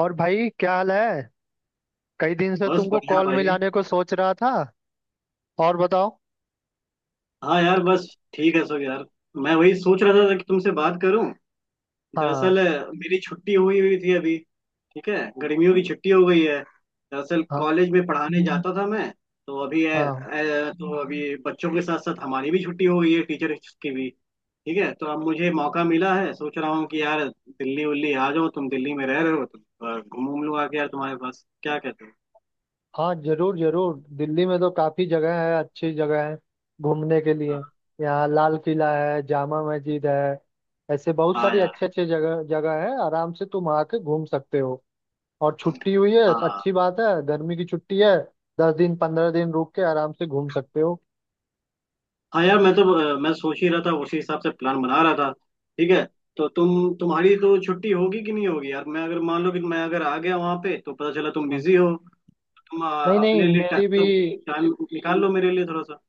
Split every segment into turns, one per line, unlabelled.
और भाई क्या हाल है? कई दिन से
बस
तुमको
बढ़िया
कॉल
भाई।
मिलाने को सोच रहा था। और बताओ।
हाँ यार बस, ठीक है सब यार। मैं वही सोच रहा था कि तुमसे बात करूं।
हाँ।
दरअसल मेरी छुट्टी हुई हुई थी अभी। ठीक है। गर्मियों की छुट्टी हो गई है, दरअसल
हाँ।
कॉलेज में पढ़ाने जाता था मैं। तो अभी
हाँ।
तो अभी बच्चों के साथ साथ हमारी भी छुट्टी हो गई है, टीचर्स की भी। ठीक है। तो अब मुझे मौका मिला है, सोच रहा हूँ कि यार दिल्ली उल्ली आ जाओ, तुम दिल्ली में रह रहे हो तो घूम लूँ आके यार तुम्हारे पास, क्या कहते हो?
हाँ, जरूर जरूर। दिल्ली में तो काफी जगह है, अच्छी जगह है घूमने के लिए।
हाँ
यहाँ लाल किला है, जामा मस्जिद है, ऐसे बहुत
हाँ
सारी
यार।
अच्छे अच्छे जगह जगह है। आराम से तुम आके घूम सकते हो। और छुट्टी हुई है।
हाँ
अच्छी बात है, गर्मी की छुट्टी है। 10 दिन 15 दिन रुक के आराम से घूम सकते हो।
हाँ यार, मैं तो मैं सोच ही रहा था, उसी हिसाब से प्लान बना रहा था। ठीक है। तो तुम्हारी तो छुट्टी होगी कि नहीं होगी यार? मैं अगर मान लो कि मैं अगर आ गया वहां पे तो पता चला तुम
हाँ।
बिजी हो। तुम
नहीं नहीं,
अपने लिए टाइम,
मेरी भी।
टाइम निकाल लो मेरे लिए थोड़ा सा।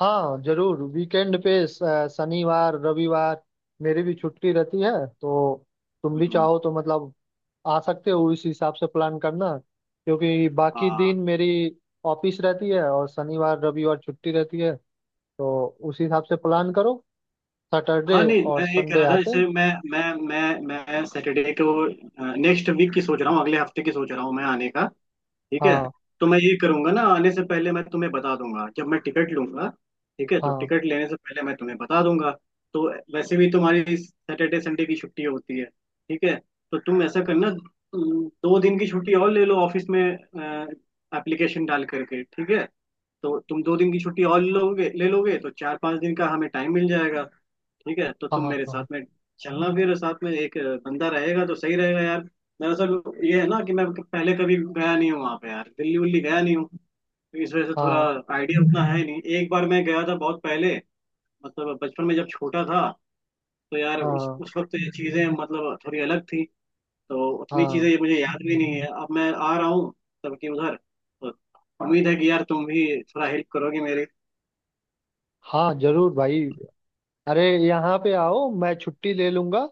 हाँ जरूर, वीकेंड पे शनिवार रविवार मेरी भी छुट्टी रहती है। तो तुम भी
हम्म।
चाहो तो मतलब आ सकते हो। इस हिसाब से प्लान करना क्योंकि बाकी दिन
हाँ
मेरी ऑफिस रहती है और शनिवार रविवार छुट्टी रहती है। तो उस हिसाब से प्लान करो। सैटरडे
हाँ, नहीं
और
मैं ये कह
संडे
रहा था,
आते हैं।
जैसे मैं सैटरडे को, नेक्स्ट वीक की सोच रहा हूँ, अगले हफ्ते की सोच रहा हूँ मैं आने का। ठीक है।
हाँ।
तो मैं ये करूंगा ना, आने से पहले मैं तुम्हें बता दूंगा जब मैं टिकट लूंगा। ठीक है, तो
हाँ।
टिकट लेने से पहले मैं तुम्हें बता दूंगा। तो वैसे भी तुम्हारी सैटरडे संडे की छुट्टी होती है, ठीक है। तो तुम ऐसा करना, तुम दो दिन की छुट्टी और ले लो ऑफिस में एप्लीकेशन डाल करके, ठीक है। तो तुम दो दिन की छुट्टी और लोगे, ले लोगे तो चार पांच दिन का हमें टाइम मिल जाएगा। ठीक है, तो
हाँ।
तुम
हाँ।
मेरे साथ
हाँ।
में चलना, फिर साथ में एक बंदा रहेगा तो सही रहेगा यार। दरअसल ये है ना कि मैं पहले कभी गया नहीं हूँ वहाँ पे यार, दिल्ली उल्ली गया नहीं हूँ। तो इस वजह से थोड़ा
हाँ।
आइडिया उतना है नहीं, एक बार मैं गया था बहुत पहले, मतलब बचपन में जब छोटा था। तो यार उस
हाँ।
उस वक्त ये चीज़ें मतलब थोड़ी अलग थी। तो उतनी चीज़ें
हाँ।
ये मुझे याद भी नहीं है अब मैं आ रहा हूँ तब की उधर तो। उम्मीद है कि यार तुम भी थोड़ा हेल्प करोगे मेरे।
हाँ जरूर भाई। अरे, यहाँ पे आओ, मैं छुट्टी ले लूंगा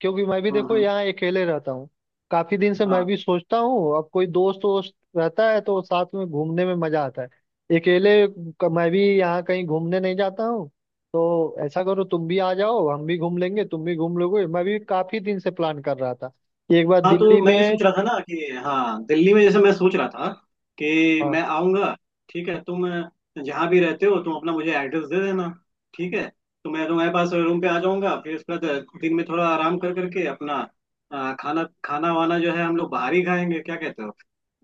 क्योंकि मैं भी देखो
हम्म।
यहाँ अकेले रहता हूँ। काफी दिन से मैं
हाँ
भी सोचता हूँ, अब कोई दोस्त वोस्त रहता है तो साथ में घूमने में मजा आता है। अकेले मैं भी यहाँ कहीं घूमने नहीं जाता हूँ। तो ऐसा करो, तुम भी आ जाओ, हम भी घूम लेंगे, तुम भी घूम लोगे। मैं भी काफी दिन से प्लान कर रहा था कि एक बार
हाँ।
दिल्ली
तो मैं ये सोच
में।
रहा था ना कि, हाँ दिल्ली में, जैसे मैं सोच रहा था कि
हाँ।
मैं आऊँगा। ठीक है, तुम जहाँ भी रहते हो तुम अपना मुझे एड्रेस दे देना, ठीक है। तो मैं तुम्हारे पास रूम पे आ जाऊँगा, फिर उसके बाद दिन में थोड़ा आराम कर करके अपना खाना खाना वाना जो है हम लोग बाहर ही खाएंगे, क्या कहते हो?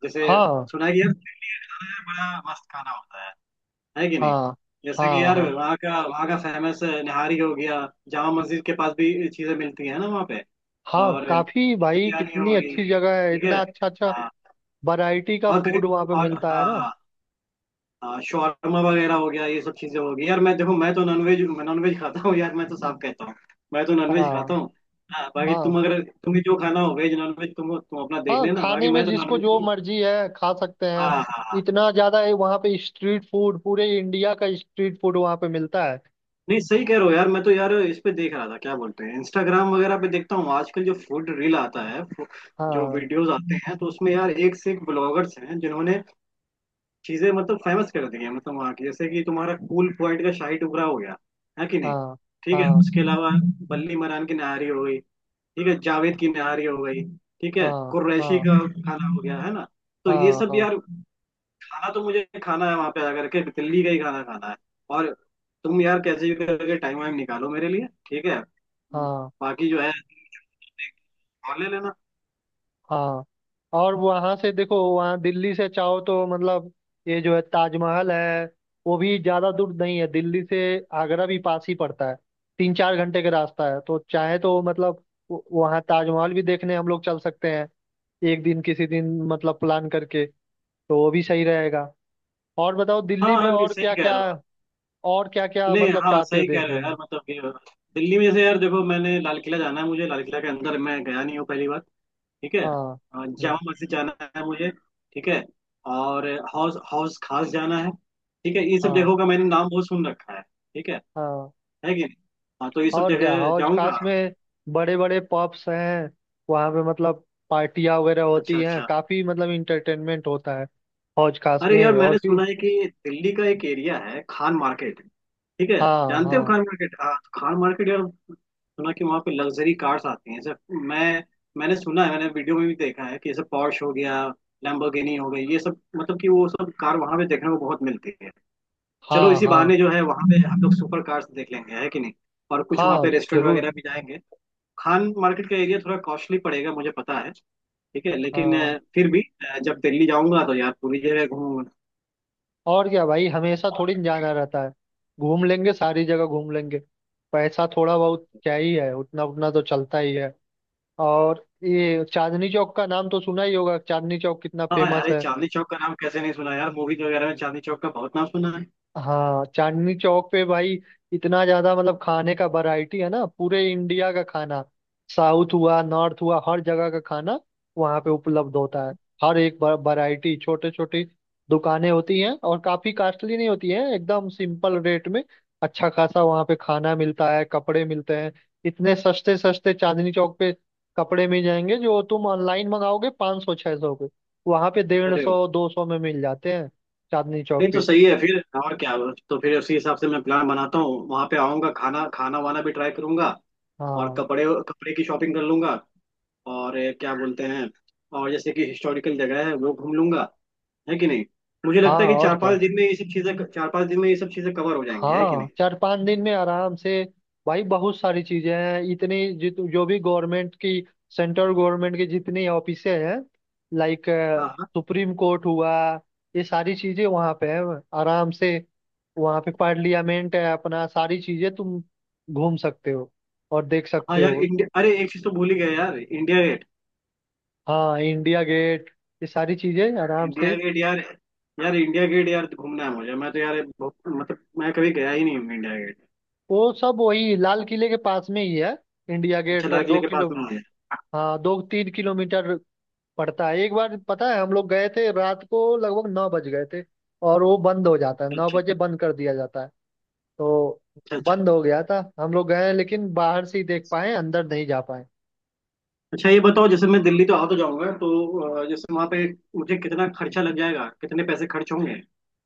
जैसे
हाँ।
सुना है कि यार दिल्ली में बड़ा मस्त खाना होता है कि नहीं?
हाँ।
जैसे कि
हाँ।
यार
हाँ।
वहाँ का फेमस निहारी हो गया, जामा मस्जिद के पास भी चीजें मिलती है ना वहाँ पे,
हाँ
और
काफी भाई,
बिरयानी
कितनी
हो गई,
अच्छी जगह है,
ठीक है।
इतना अच्छा अच्छा
हाँ
वैरायटी का
और
फूड
गरीब
वहाँ पे
और
मिलता है
हाँ
ना।
हाँ। हाँ शौरमा वगैरह हो गया, ये सब चीजें हो गई यार। मैं देखो, मैं तो नॉनवेज नॉनवेज खाता हूँ यार, मैं तो साफ कहता हूँ, मैं तो नॉनवेज खाता
हाँ।
हूँ। हाँ बाकी
हाँ।
तुम, अगर तुम्हें जो खाना हो वेज नॉनवेज, तुम अपना देख
हाँ,
लेना, बाकी
खाने में
मैं तो
जिसको
नॉनवेज
जो
हूँ।
मर्जी है खा सकते
हाँ हाँ
हैं।
हाँ।
इतना ज्यादा है वहाँ पे स्ट्रीट फूड, पूरे इंडिया का स्ट्रीट फूड वहाँ पे मिलता है।
नहीं सही कह रहे हो यार। मैं तो यार इस पे देख रहा था, क्या बोलते हैं, इंस्टाग्राम वगैरह पे देखता हूँ आजकल, जो फूड रील आता है, जो
हाँ।
वीडियोस आते हैं, तो उसमें यार एक से एक ब्लॉगर्स हैं जिन्होंने चीजें मतलब फेमस कर दी है, मतलब वहाँ की, जैसे कि तुम्हारा कूल पॉइंट का शाही टुकड़ा हो गया, है कि नहीं?
हाँ।
ठीक है,
हाँ।
उसके अलावा बल्ली मरान की नहारी हो गई, ठीक है, जावेद की नहारी हो गई, ठीक है,
हाँ।
कुरैशी
हाँ।
का खाना हो गया, है ना? तो ये
हाँ।
सब
हाँ।
यार खाना तो मुझे खाना है वहां पे आकर के, दिल्ली का ही खाना खाना है। और तुम यार कैसे भी करके टाइम वाइम निकालो मेरे लिए, ठीक है।
हाँ।
बाकी जो है और ले लेना।
हाँ। और वहाँ से देखो, वहाँ दिल्ली से चाहो तो मतलब ये जो है ताजमहल है, वो भी ज्यादा दूर नहीं है दिल्ली से। आगरा भी पास ही पड़ता है, 3-4 घंटे का रास्ता है। तो चाहे तो मतलब वहाँ ताजमहल भी देखने हम लोग चल सकते हैं। एक दिन किसी दिन मतलब प्लान करके, तो वो भी सही रहेगा। और बताओ दिल्ली
हाँ
में
हाँ, नहीं
और क्या
सही कह रहे
क्या।
हो,
और क्या क्या
नहीं
मतलब
हाँ
चाहते हो
सही कह रहे
देखने
हो यार,
में।
मतलब कि दिल्ली में से, यार देखो, मैंने लाल किला जाना है, मुझे लाल किला के अंदर मैं गया नहीं हूँ पहली बार। ठीक है।
हाँ।
जामा
हम्म।
मस्जिद जाना है मुझे, ठीक है। और हाउस हाउस खास जाना है, ठीक है। ये सब
हाँ।
जगहों का मैंने नाम बहुत सुन रखा है, ठीक है
हाँ
है कि नहीं? हाँ तो ये सब
और क्या,
जगह
हौज खास
जाऊंगा।
में बड़े बड़े पब्स हैं वहाँ पे। मतलब पार्टियाँ वगैरह
अच्छा
होती हैं
अच्छा।
काफी, मतलब इंटरटेनमेंट होता है हौज खास
अरे यार
में। और
मैंने
फिर
सुना है कि दिल्ली का एक एरिया है खान मार्केट, ठीक है।
हाँ।
जानते हो
हाँ।
खान मार्केट? हाँ तो खान मार्केट यार, सुना कि वहाँ पे लग्जरी कार्स आती हैं सर। मैं मैंने सुना है, मैंने वीडियो में भी देखा है कि जैसे पॉर्श हो गया, लैम्बोर्गिनी हो गई, ये सब, मतलब कि वो सब कार वहाँ पे देखने को बहुत मिलती है। चलो
हाँ।
इसी
हाँ।
बहाने जो है वहाँ पे हम लोग सुपर कार्स देख लेंगे, है कि नहीं? और कुछ वहाँ
हाँ
पे रेस्टोरेंट
जरूर।
वगैरह भी जाएंगे। खान मार्केट का एरिया थोड़ा कॉस्टली पड़ेगा मुझे पता है, ठीक है, लेकिन
हाँ
फिर भी जब दिल्ली जाऊंगा तो यार पूरी जगह घूमूंगा।
और क्या भाई, हमेशा थोड़ी न जाना रहता है, घूम लेंगे, सारी जगह घूम लेंगे। पैसा थोड़ा बहुत क्या ही है, उतना उतना तो चलता ही है। और ये चांदनी चौक का नाम तो सुना ही होगा, चांदनी चौक कितना
हाँ यार
फेमस
ये
है।
चांदनी चौक का नाम कैसे नहीं सुना यार, मूवीज वगैरह में चांदनी चौक का बहुत नाम सुना है।
हाँ चांदनी चौक पे भाई, इतना ज्यादा मतलब खाने का वैरायटी है ना, पूरे इंडिया का खाना। साउथ हुआ नॉर्थ हुआ, हर जगह का खाना वहाँ पे उपलब्ध होता है। हर एक वैरायटी छोटे छोटे दुकानें होती हैं और काफी कॉस्टली नहीं होती है, एकदम सिंपल रेट में अच्छा खासा वहाँ पे खाना मिलता है। कपड़े मिलते हैं इतने सस्ते सस्ते चांदनी चौक पे। कपड़े मिल जाएंगे जो तुम ऑनलाइन मंगाओगे 500 600 पे, वहाँ पे डेढ़
अरे वाह।
सौ 200 में मिल जाते हैं चांदनी चौक
नहीं तो
पे।
सही है फिर, और क्या। तो फिर उसी हिसाब से मैं प्लान बनाता हूँ, वहां पे आऊंगा, खाना खाना वाना भी ट्राई करूंगा, और
हाँ।
कपड़े कपड़े की शॉपिंग कर लूंगा। और ये क्या बोलते हैं, और जैसे कि हिस्टोरिकल जगह है वो घूम लूंगा, है कि नहीं? मुझे लगता
हाँ
है कि
और
चार
क्या।
पांच दिन में ये सब चीजें, चार पांच दिन में ये सब चीजें कवर हो जाएंगे, है कि
हाँ
नहीं?
4-5 दिन में आराम से। भाई बहुत सारी चीजें हैं, इतनी जित जो भी गवर्नमेंट की, सेंट्रल गवर्नमेंट की जितनी ऑफिसें हैं, लाइक
हाँ हाँ
सुप्रीम कोर्ट हुआ, ये सारी चीजें वहाँ पे हैं। आराम से वहाँ पे पार्लियामेंट है अपना, सारी चीजें तुम घूम सकते हो और देख
हाँ
सकते
यार
हो।
इंडिया, अरे एक चीज तो भूल ही गया यार, इंडिया
हाँ इंडिया गेट, ये सारी चीजें आराम
इंडिया
से।
गेट यार, यार इंडिया गेट यार घूमना है मुझे, मैं तो यार बहुत मतलब मैं कभी गया ही नहीं हूँ इंडिया गेट।
वो सब वही लाल किले के पास में ही है। इंडिया
अच्छा
गेट
लाल किले
दो
के पास
किलो
में? मुझे
हाँ 2-3 किलोमीटर पड़ता है। एक बार पता है हम लोग गए थे, रात को लगभग 9 बज गए थे और वो बंद हो जाता है, 9
अच्छा
बजे बंद कर दिया जाता है। तो
अच्छा। अच्छा
बंद हो गया था, हम लोग गए लेकिन बाहर से ही देख पाए, अंदर नहीं जा पाए।
अच्छा, ये बताओ, जैसे मैं दिल्ली तो आ तो जाऊंगा तो जैसे वहां पे मुझे कितना खर्चा लग जाएगा, कितने पैसे खर्च होंगे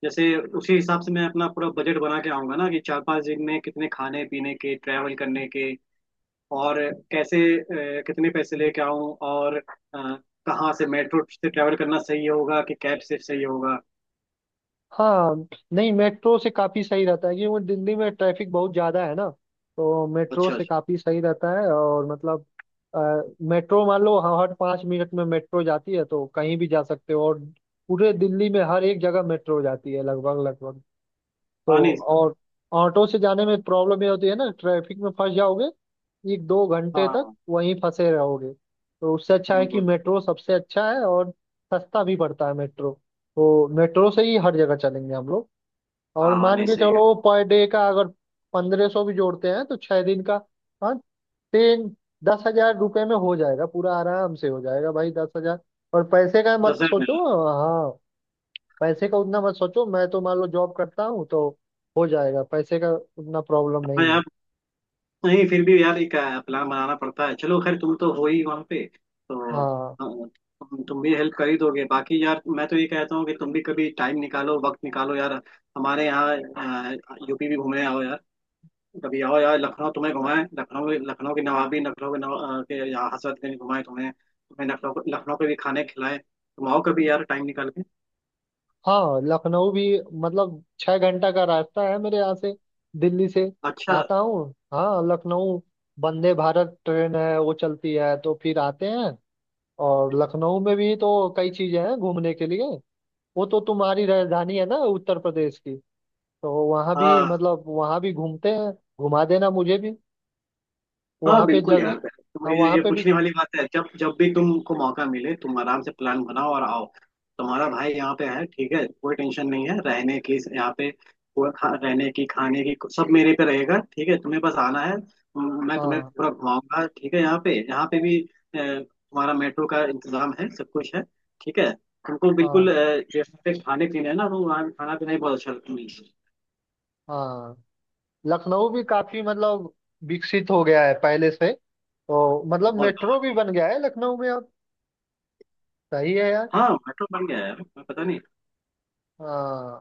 जैसे, उसी हिसाब से मैं अपना पूरा बजट बना के आऊंगा ना, कि चार पांच दिन में कितने खाने पीने के, ट्रैवल करने के, और कैसे कितने पैसे लेके आऊं, और कहाँ से, मेट्रो से ट्रैवल करना सही होगा कि कैब से सही होगा?
हाँ नहीं, मेट्रो से काफ़ी सही रहता है क्योंकि दिल्ली में ट्रैफिक बहुत ज़्यादा है ना। तो मेट्रो
अच्छा
से
अच्छा।
काफ़ी सही रहता है और मतलब अ, मेट्रो मान लो, हाँ, हर 5 मिनट में मेट्रो जाती है, तो कहीं भी जा सकते हो। और पूरे दिल्ली में हर एक जगह मेट्रो जाती है लगभग लगभग। तो
हानिस का।
और ऑटो से जाने में प्रॉब्लम ये होती है ना, ट्रैफिक में फंस जाओगे, 1-2 घंटे
हाँ
तक
हाँ।
वहीं फंसे रहोगे। तो उससे अच्छा है
हम्म
कि
हम्म।
मेट्रो सबसे अच्छा है और सस्ता भी पड़ता है मेट्रो। तो मेट्रो से ही हर जगह चलेंगे हम लोग। और
हाँ
मान
हानिस
के
सही है।
चलो पर डे का अगर 1500 भी जोड़ते हैं, तो 6 दिन का हाँ तीन 10,000 रुपये में हो जाएगा पूरा, आराम से हो जाएगा भाई। 10,000, और पैसे का मत
दशहर में।
सोचो। हाँ। पैसे का उतना मत सोचो, मैं तो मान लो जॉब करता हूँ तो हो जाएगा। पैसे का उतना प्रॉब्लम
हाँ
नहीं है।
यार, नहीं फिर भी यार एक प्लान बनाना पड़ता है, चलो खैर तुम तो हो ही वहाँ पे तो हाँ,
हाँ।
तुम भी हेल्प कर ही दोगे। बाकी यार मैं तो ये कहता हूँ कि तुम भी कभी टाइम निकालो, वक्त निकालो यार, हमारे यहाँ यूपी भी घूमने आओ यार। कभी आओ यार, लखनऊ तुम्हें घुमाएं, लखनऊ लखनऊ की नवाबी, लखनऊ के नवा के यहाँ हजरतगंज घुमाएं तुम्हें, लखनऊ लखनऊ के भी खाने खिलाएं, तुम आओ कभी यार टाइम निकाल के।
हाँ लखनऊ भी मतलब 6 घंटा का रास्ता है मेरे यहाँ से, दिल्ली से
अच्छा
आता हूँ। हाँ लखनऊ वंदे भारत ट्रेन है वो चलती है, तो फिर आते हैं। और लखनऊ में भी तो कई चीजें हैं घूमने के लिए। वो तो तुम्हारी राजधानी है ना, उत्तर प्रदेश की। तो वहाँ भी
हाँ
मतलब वहाँ भी घूमते हैं। घुमा देना मुझे भी
हाँ
वहाँ पे
बिल्कुल
जग।
यार। तुम
हाँ वहाँ
ये
पे भी।
पूछने वाली बात है, जब जब भी तुमको मौका मिले तुम आराम से प्लान बनाओ और आओ। तुम्हारा भाई यहाँ पे है, ठीक है, कोई टेंशन नहीं है रहने की यहाँ पे। कोई रहने की खाने की सब मेरे पे रहेगा, ठीक है। तुम्हें बस आना है, मैं तुम्हें
हाँ।
पूरा घुमाऊंगा, ठीक है। यहाँ पे भी तुम्हारा मेट्रो का इंतजाम है, सब कुछ है, ठीक है। तुमको
हाँ।
बिल्कुल जैसे पे खाने पीने है ना, तो वहाँ खाना पीना ही बहुत अच्छा मिलता है।
हाँ लखनऊ भी काफी मतलब विकसित हो गया है पहले से तो। मतलब
बहुत
मेट्रो
बहुत।
भी बन गया है लखनऊ में अब। सही है यार।
हाँ मेट्रो बन गया है, मैं पता नहीं।
हाँ।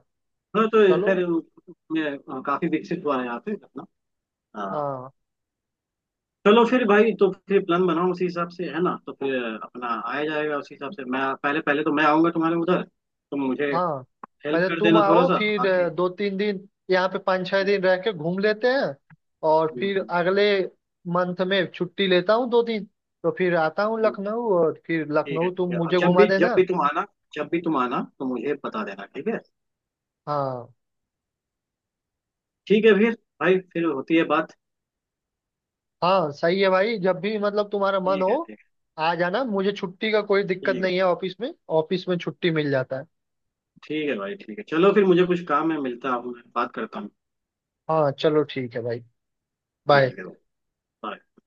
हाँ तो
चलो।
खैर मैं, हाँ, काफी विकसित हुआ है यहाँ पे अपना। हाँ।
हाँ।
चलो फिर भाई, तो फिर प्लान बनाओ उसी हिसाब से, है ना, तो फिर अपना आया जाएगा उसी हिसाब से। मैं पहले पहले तो मैं आऊंगा तुम्हारे उधर, तो मुझे
हाँ।
हेल्प
पहले
कर
तुम
देना थोड़ा
आओ,
सा
फिर
बाकी।
2-3 दिन यहाँ पे 5-6 दिन रह के घूम लेते हैं। और
हम्म
फिर
हम्म।
अगले मंथ में छुट्टी लेता हूँ 2 दिन, तो फिर आता हूँ
हम्म।
लखनऊ और फिर
ठीक है
लखनऊ
ठीक
तुम
है, और
मुझे घुमा
जब
देना।
भी तुम आना, जब भी तुम आना तो मुझे बता देना, ठीक है।
हाँ।
ठीक है फिर भाई, फिर होती है बात।
हाँ सही है भाई, जब भी मतलब तुम्हारा मन
ठीक
हो
है ठीक है।
आ जाना। मुझे छुट्टी का कोई दिक्कत
ठीक है
नहीं है ऑफिस में। ऑफिस में छुट्टी मिल जाता है।
ठीक है भाई, ठीक है चलो फिर, मुझे कुछ काम है, मिलता हूँ, बात करता हूँ।
हाँ चलो ठीक है भाई। बाय।
ठीक है भाई, bye।